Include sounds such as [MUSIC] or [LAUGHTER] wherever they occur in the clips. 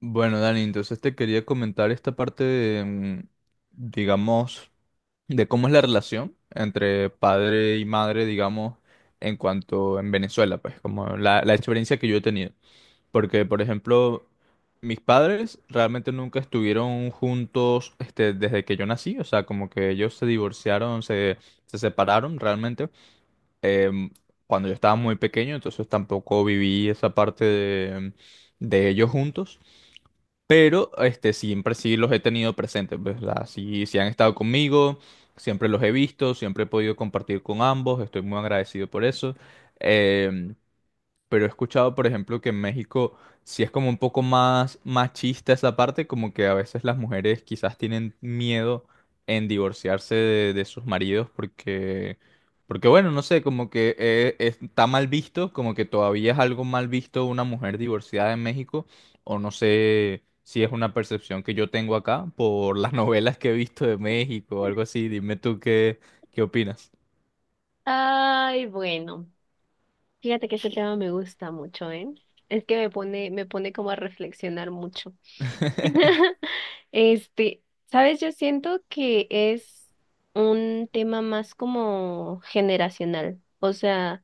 Bueno, Dani, entonces te quería comentar esta parte de digamos, de cómo es la relación entre padre y madre, digamos, en cuanto en Venezuela, pues, como la experiencia que yo he tenido. Porque, por ejemplo, mis padres realmente nunca estuvieron juntos, este, desde que yo nací, o sea, como que ellos se divorciaron, se separaron realmente, em, cuando yo estaba muy pequeño, entonces tampoco viví esa parte de ellos juntos. Pero este, siempre sí los he tenido presentes, ¿verdad? Sí, han estado conmigo, siempre los he visto, siempre he podido compartir con ambos, estoy muy agradecido por eso. Em, pero he escuchado, por ejemplo, que en México sí es como un poco más machista esa parte, como que a veces las mujeres quizás tienen miedo en divorciarse de sus maridos, porque bueno, no sé, como que está mal visto, como que todavía es algo mal visto una mujer divorciada en México, o no sé si es una percepción que yo tengo acá por las [LAUGHS] novelas que he visto de México o algo así, dime tú qué opinas. Ay, bueno, fíjate que ese tema me gusta mucho, ¿eh? Es que me pone como a reflexionar mucho. [LAUGHS] Este, sabes, yo siento que es un tema más como generacional, o sea.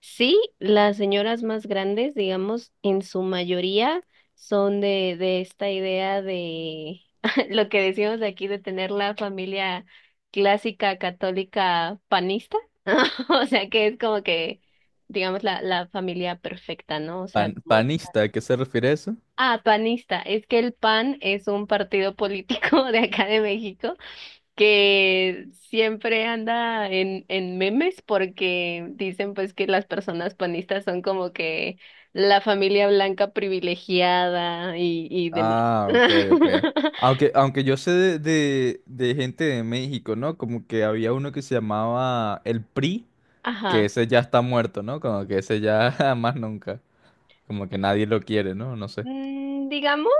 Sí, las señoras más grandes, digamos, en su mayoría son de esta idea de [LAUGHS] lo que decimos aquí de tener la familia clásica católica panista, [LAUGHS] o sea que es como que, digamos, la familia perfecta, ¿no? O sea, Pan- como, panista, ¿a qué se refiere eso? ah, panista, es que el PAN es un partido político [LAUGHS] de acá de México que siempre anda en memes porque dicen pues que las personas panistas son como que la familia blanca privilegiada y demás. Ah, ok, ok. [LAUGHS] Aunque yo sé de gente de México, ¿no? Como que había uno que se llamaba el PRI, que Ajá. ese ya está muerto, ¿no? Como que ese ya [LAUGHS] más nunca. Como que nadie lo quiere, ¿no? No sé. Mm, digamos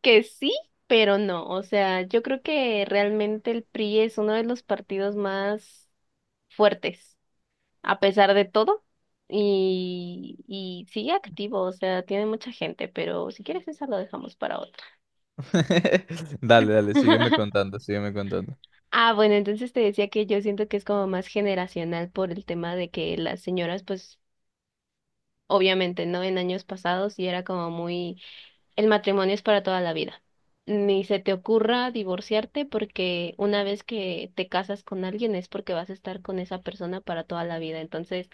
que sí, pero no. O sea, yo creo que realmente el PRI es uno de los partidos más fuertes, a pesar de todo. Y sigue activo, o sea, tiene mucha gente, pero si quieres esa lo dejamos para otra. [LAUGHS] Dale, dale, sígueme [LAUGHS] contando, sígueme contando. Ah, bueno, entonces te decía que yo siento que es como más generacional por el tema de que las señoras, pues, obviamente, ¿no? En años pasados y era como muy, el matrimonio es para toda la vida. Ni se te ocurra divorciarte porque una vez que te casas con alguien es porque vas a estar con esa persona para toda la vida. Entonces,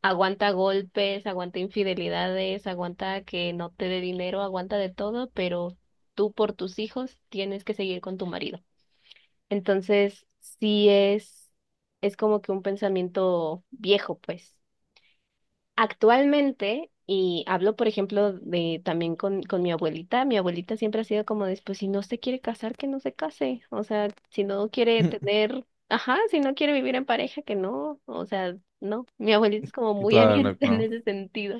aguanta golpes, aguanta infidelidades, aguanta que no te dé dinero, aguanta de todo, pero tú por tus hijos tienes que seguir con tu marido. Entonces, sí es como que un pensamiento viejo, pues. Actualmente, y hablo, por ejemplo, de también con mi abuelita siempre ha sido como de, pues, si no se quiere casar, que no se case. O sea, si no quiere [LAUGHS] tener, ajá, si no quiere vivir en pareja, que no. O sea, no. Mi abuelita es como muy [LAUGHS] Claro, abierta en claro. ese sentido.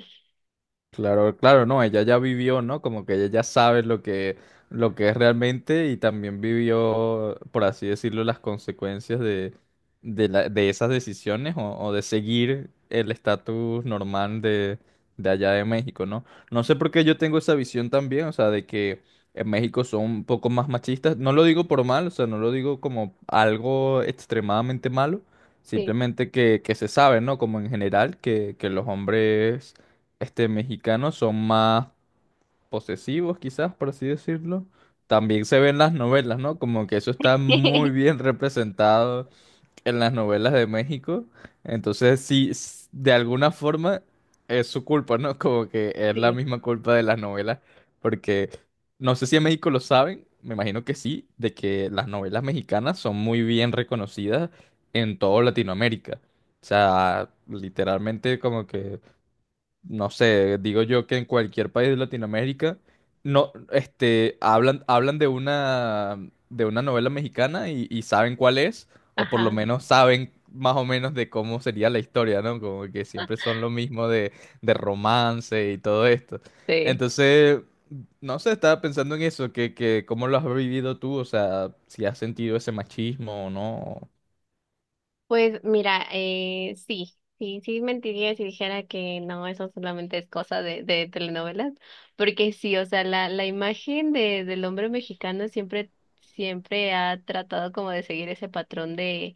Claro, claro, no, ella ya vivió, ¿no? Como que ella ya sabe lo que es realmente y también vivió, por así decirlo, las consecuencias de, de esas decisiones o de seguir el estatus normal de allá de México, ¿no? No sé por qué yo tengo esa visión también, o sea, de que en México son un poco más machistas. No lo digo por mal, o sea, no lo digo como algo extremadamente malo, Sí. simplemente que se sabe, ¿no? Como en general, que los hombres este, mexicanos son más posesivos, quizás, por así decirlo. También se ven las novelas, ¿no? Como que eso está muy [LAUGHS] bien representado en las novelas de México. Entonces, sí, de alguna forma es su culpa, ¿no? [LAUGHS] Como que es la Sí. misma culpa de las novelas. Porque no sé si en México lo saben, me imagino que sí, de que las novelas mexicanas son muy bien reconocidas en toda Latinoamérica. O sea, literalmente como que no sé, digo yo que en cualquier país de Latinoamérica no, este, hablan de una novela mexicana y saben cuál es, o por lo Ajá. menos saben más o menos de cómo sería la historia, ¿no? Como que siempre son lo mismo de romance y todo esto. Sí. Entonces, no sé, estaba pensando en eso, que cómo lo has vivido tú, o sea, si has sentido ese machismo o no. Pues mira, sí, sí, sí mentiría si dijera que no, eso solamente es cosa de telenovelas, porque sí, o sea, la imagen de, del hombre mexicano siempre, siempre ha tratado como de seguir ese patrón de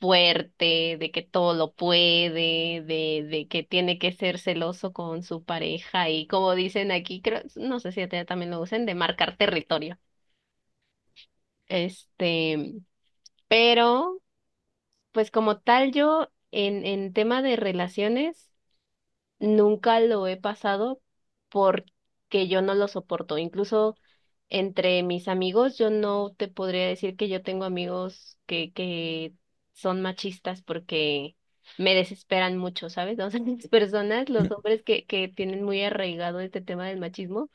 fuerte, de que todo lo puede, de que tiene que ser celoso con su pareja y como dicen aquí, creo, no sé si allá también lo usan, de marcar territorio. Este, pero... Pues como tal, yo en tema de relaciones nunca lo he pasado porque yo no lo soporto. Incluso entre mis amigos, yo no te podría decir que yo tengo amigos que son machistas porque me desesperan mucho, ¿sabes? O sea, [LAUGHS] las personas, los [CLEARS THROAT] hombres que tienen muy arraigado este tema del machismo,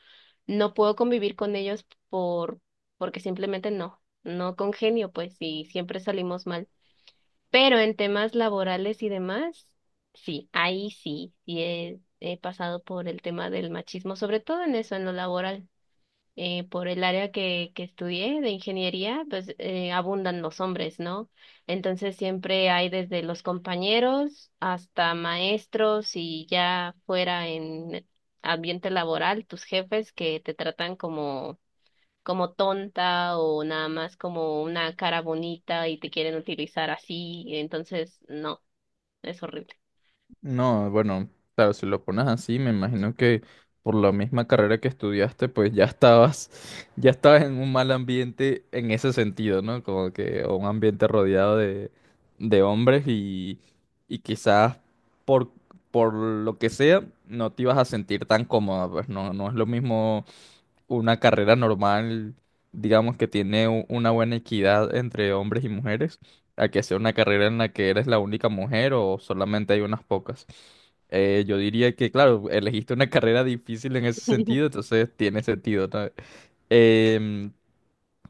no puedo convivir con ellos por, porque simplemente no, no congenio, pues, y siempre salimos mal. Pero en temas laborales y demás, sí, ahí sí, he pasado por el tema del machismo, sobre todo en eso, en lo laboral. Por el área que estudié de ingeniería, pues abundan los hombres, ¿no? Entonces siempre hay desde los compañeros hasta maestros y ya fuera en ambiente laboral, tus jefes que te tratan como tonta o nada más como una cara bonita y te quieren utilizar así, entonces no, es horrible. No, bueno, claro, si lo pones así, me imagino que por la misma carrera que estudiaste, pues ya estabas, [LAUGHS] ya estabas en un mal ambiente en ese sentido, ¿no? Como que o un ambiente rodeado de hombres y quizás por, por lo que sea, no te ibas a sentir tan cómoda, pues no, no es lo mismo una carrera normal, digamos que tiene una buena equidad entre hombres y mujeres, a que sea una carrera en la que eres la única mujer o solamente hay unas pocas. Yo diría que, claro, elegiste una carrera difícil en ese sentido, [LAUGHS] entonces tiene sentido, ¿sabes?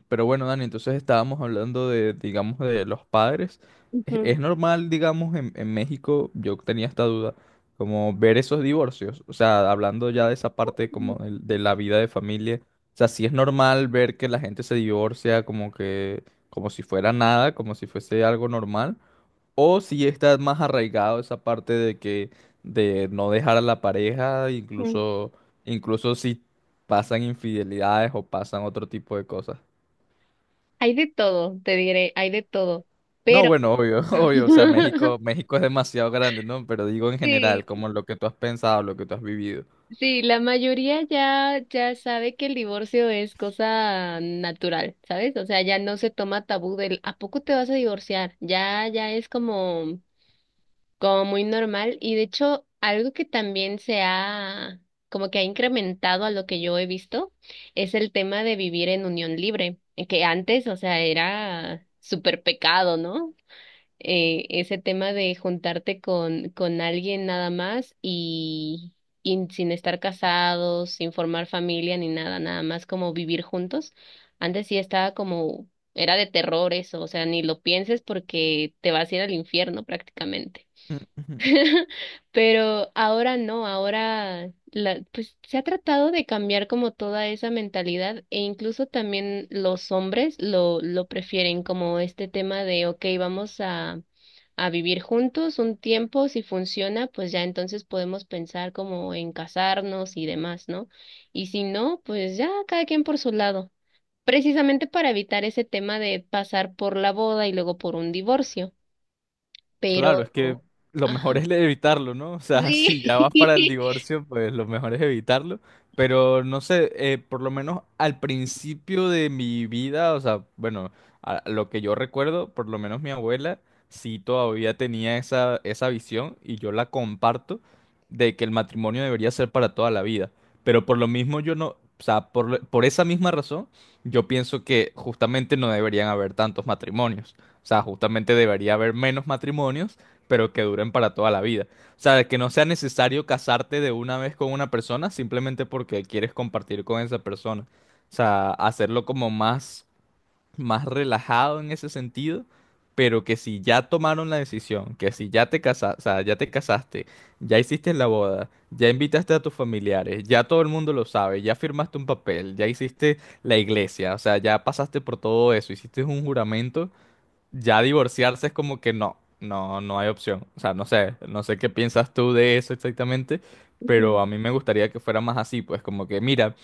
Pero bueno, Dani, entonces estábamos hablando de, digamos, de los padres. Es, Ujú, es normal, digamos, en México, yo tenía esta duda, como ver esos divorcios. O sea, hablando ya de esa parte como de la vida de familia. O sea, sí es normal ver que la gente se divorcia como que, como si fuera nada, como si fuese algo normal. O si está más arraigado esa parte de no dejar a la pareja, ujú. incluso, incluso si pasan infidelidades o pasan otro tipo de cosas. Hay de todo, te diré, hay de todo. No, Pero bueno, obvio, [LAUGHS] obvio, o sea, [LAUGHS] México, México es demasiado grande, ¿no? Pero digo en general, sí, como lo que tú has pensado, lo que tú has vivido. sí, la mayoría ya, ya sabe que el divorcio es cosa natural, ¿sabes? O sea, ya no se toma tabú del ¿a poco te vas a divorciar? Ya, ya es como como muy normal y de hecho algo que también se ha como que ha incrementado a lo que yo he visto es el tema de vivir en unión libre, que antes, o sea, era súper pecado, ¿no? Ese tema de juntarte con alguien nada más y sin estar casados, sin formar familia ni nada, nada más como vivir juntos. Antes sí estaba como, era de terror eso, o sea, ni lo pienses porque te vas a ir al infierno prácticamente. [LAUGHS] Pero ahora no, ahora la, pues se ha tratado de cambiar como toda esa mentalidad e incluso también los hombres lo prefieren como este tema de, ok, vamos a vivir juntos un tiempo, si funciona, pues ya entonces podemos pensar como en casarnos y demás, ¿no? Y si no, pues ya cada quien por su lado, precisamente para evitar ese tema de pasar por la boda y luego por un divorcio, Claro, pero... es que lo Ajá. mejor es evitarlo, ¿no? O sea, [LAUGHS] Sí. si ya vas para el [LAUGHS] divorcio, pues lo mejor es evitarlo. Pero no sé, por lo menos al principio de mi vida, o sea, bueno, a lo que yo recuerdo, por lo menos mi abuela sí todavía tenía esa visión y yo la comparto de que el matrimonio debería ser para toda la vida. Pero por lo mismo yo no, o sea, por esa misma razón, yo pienso que justamente no deberían haber tantos matrimonios. O sea, justamente debería haber menos matrimonios, pero que duren para toda la vida. O sea, que no sea necesario casarte de una vez con una persona simplemente porque quieres compartir con esa persona. O sea, hacerlo como más, más relajado en ese sentido, pero que si ya tomaron la decisión, que si ya o sea, ya te casaste, ya hiciste la boda, ya invitaste a tus familiares, ya todo el mundo lo sabe, ya firmaste un papel, ya hiciste la iglesia, o sea, ya pasaste por todo eso, hiciste un juramento, ya divorciarse es como que no, no, no hay opción. O sea, no sé, no sé qué piensas tú de eso exactamente, Ujú. pero a mí me gustaría que fuera más así, pues como que, mira,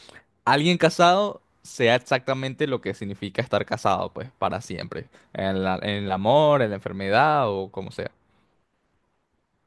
alguien casado sea exactamente lo que significa estar casado, pues para siempre, en el amor, en la enfermedad o como sea.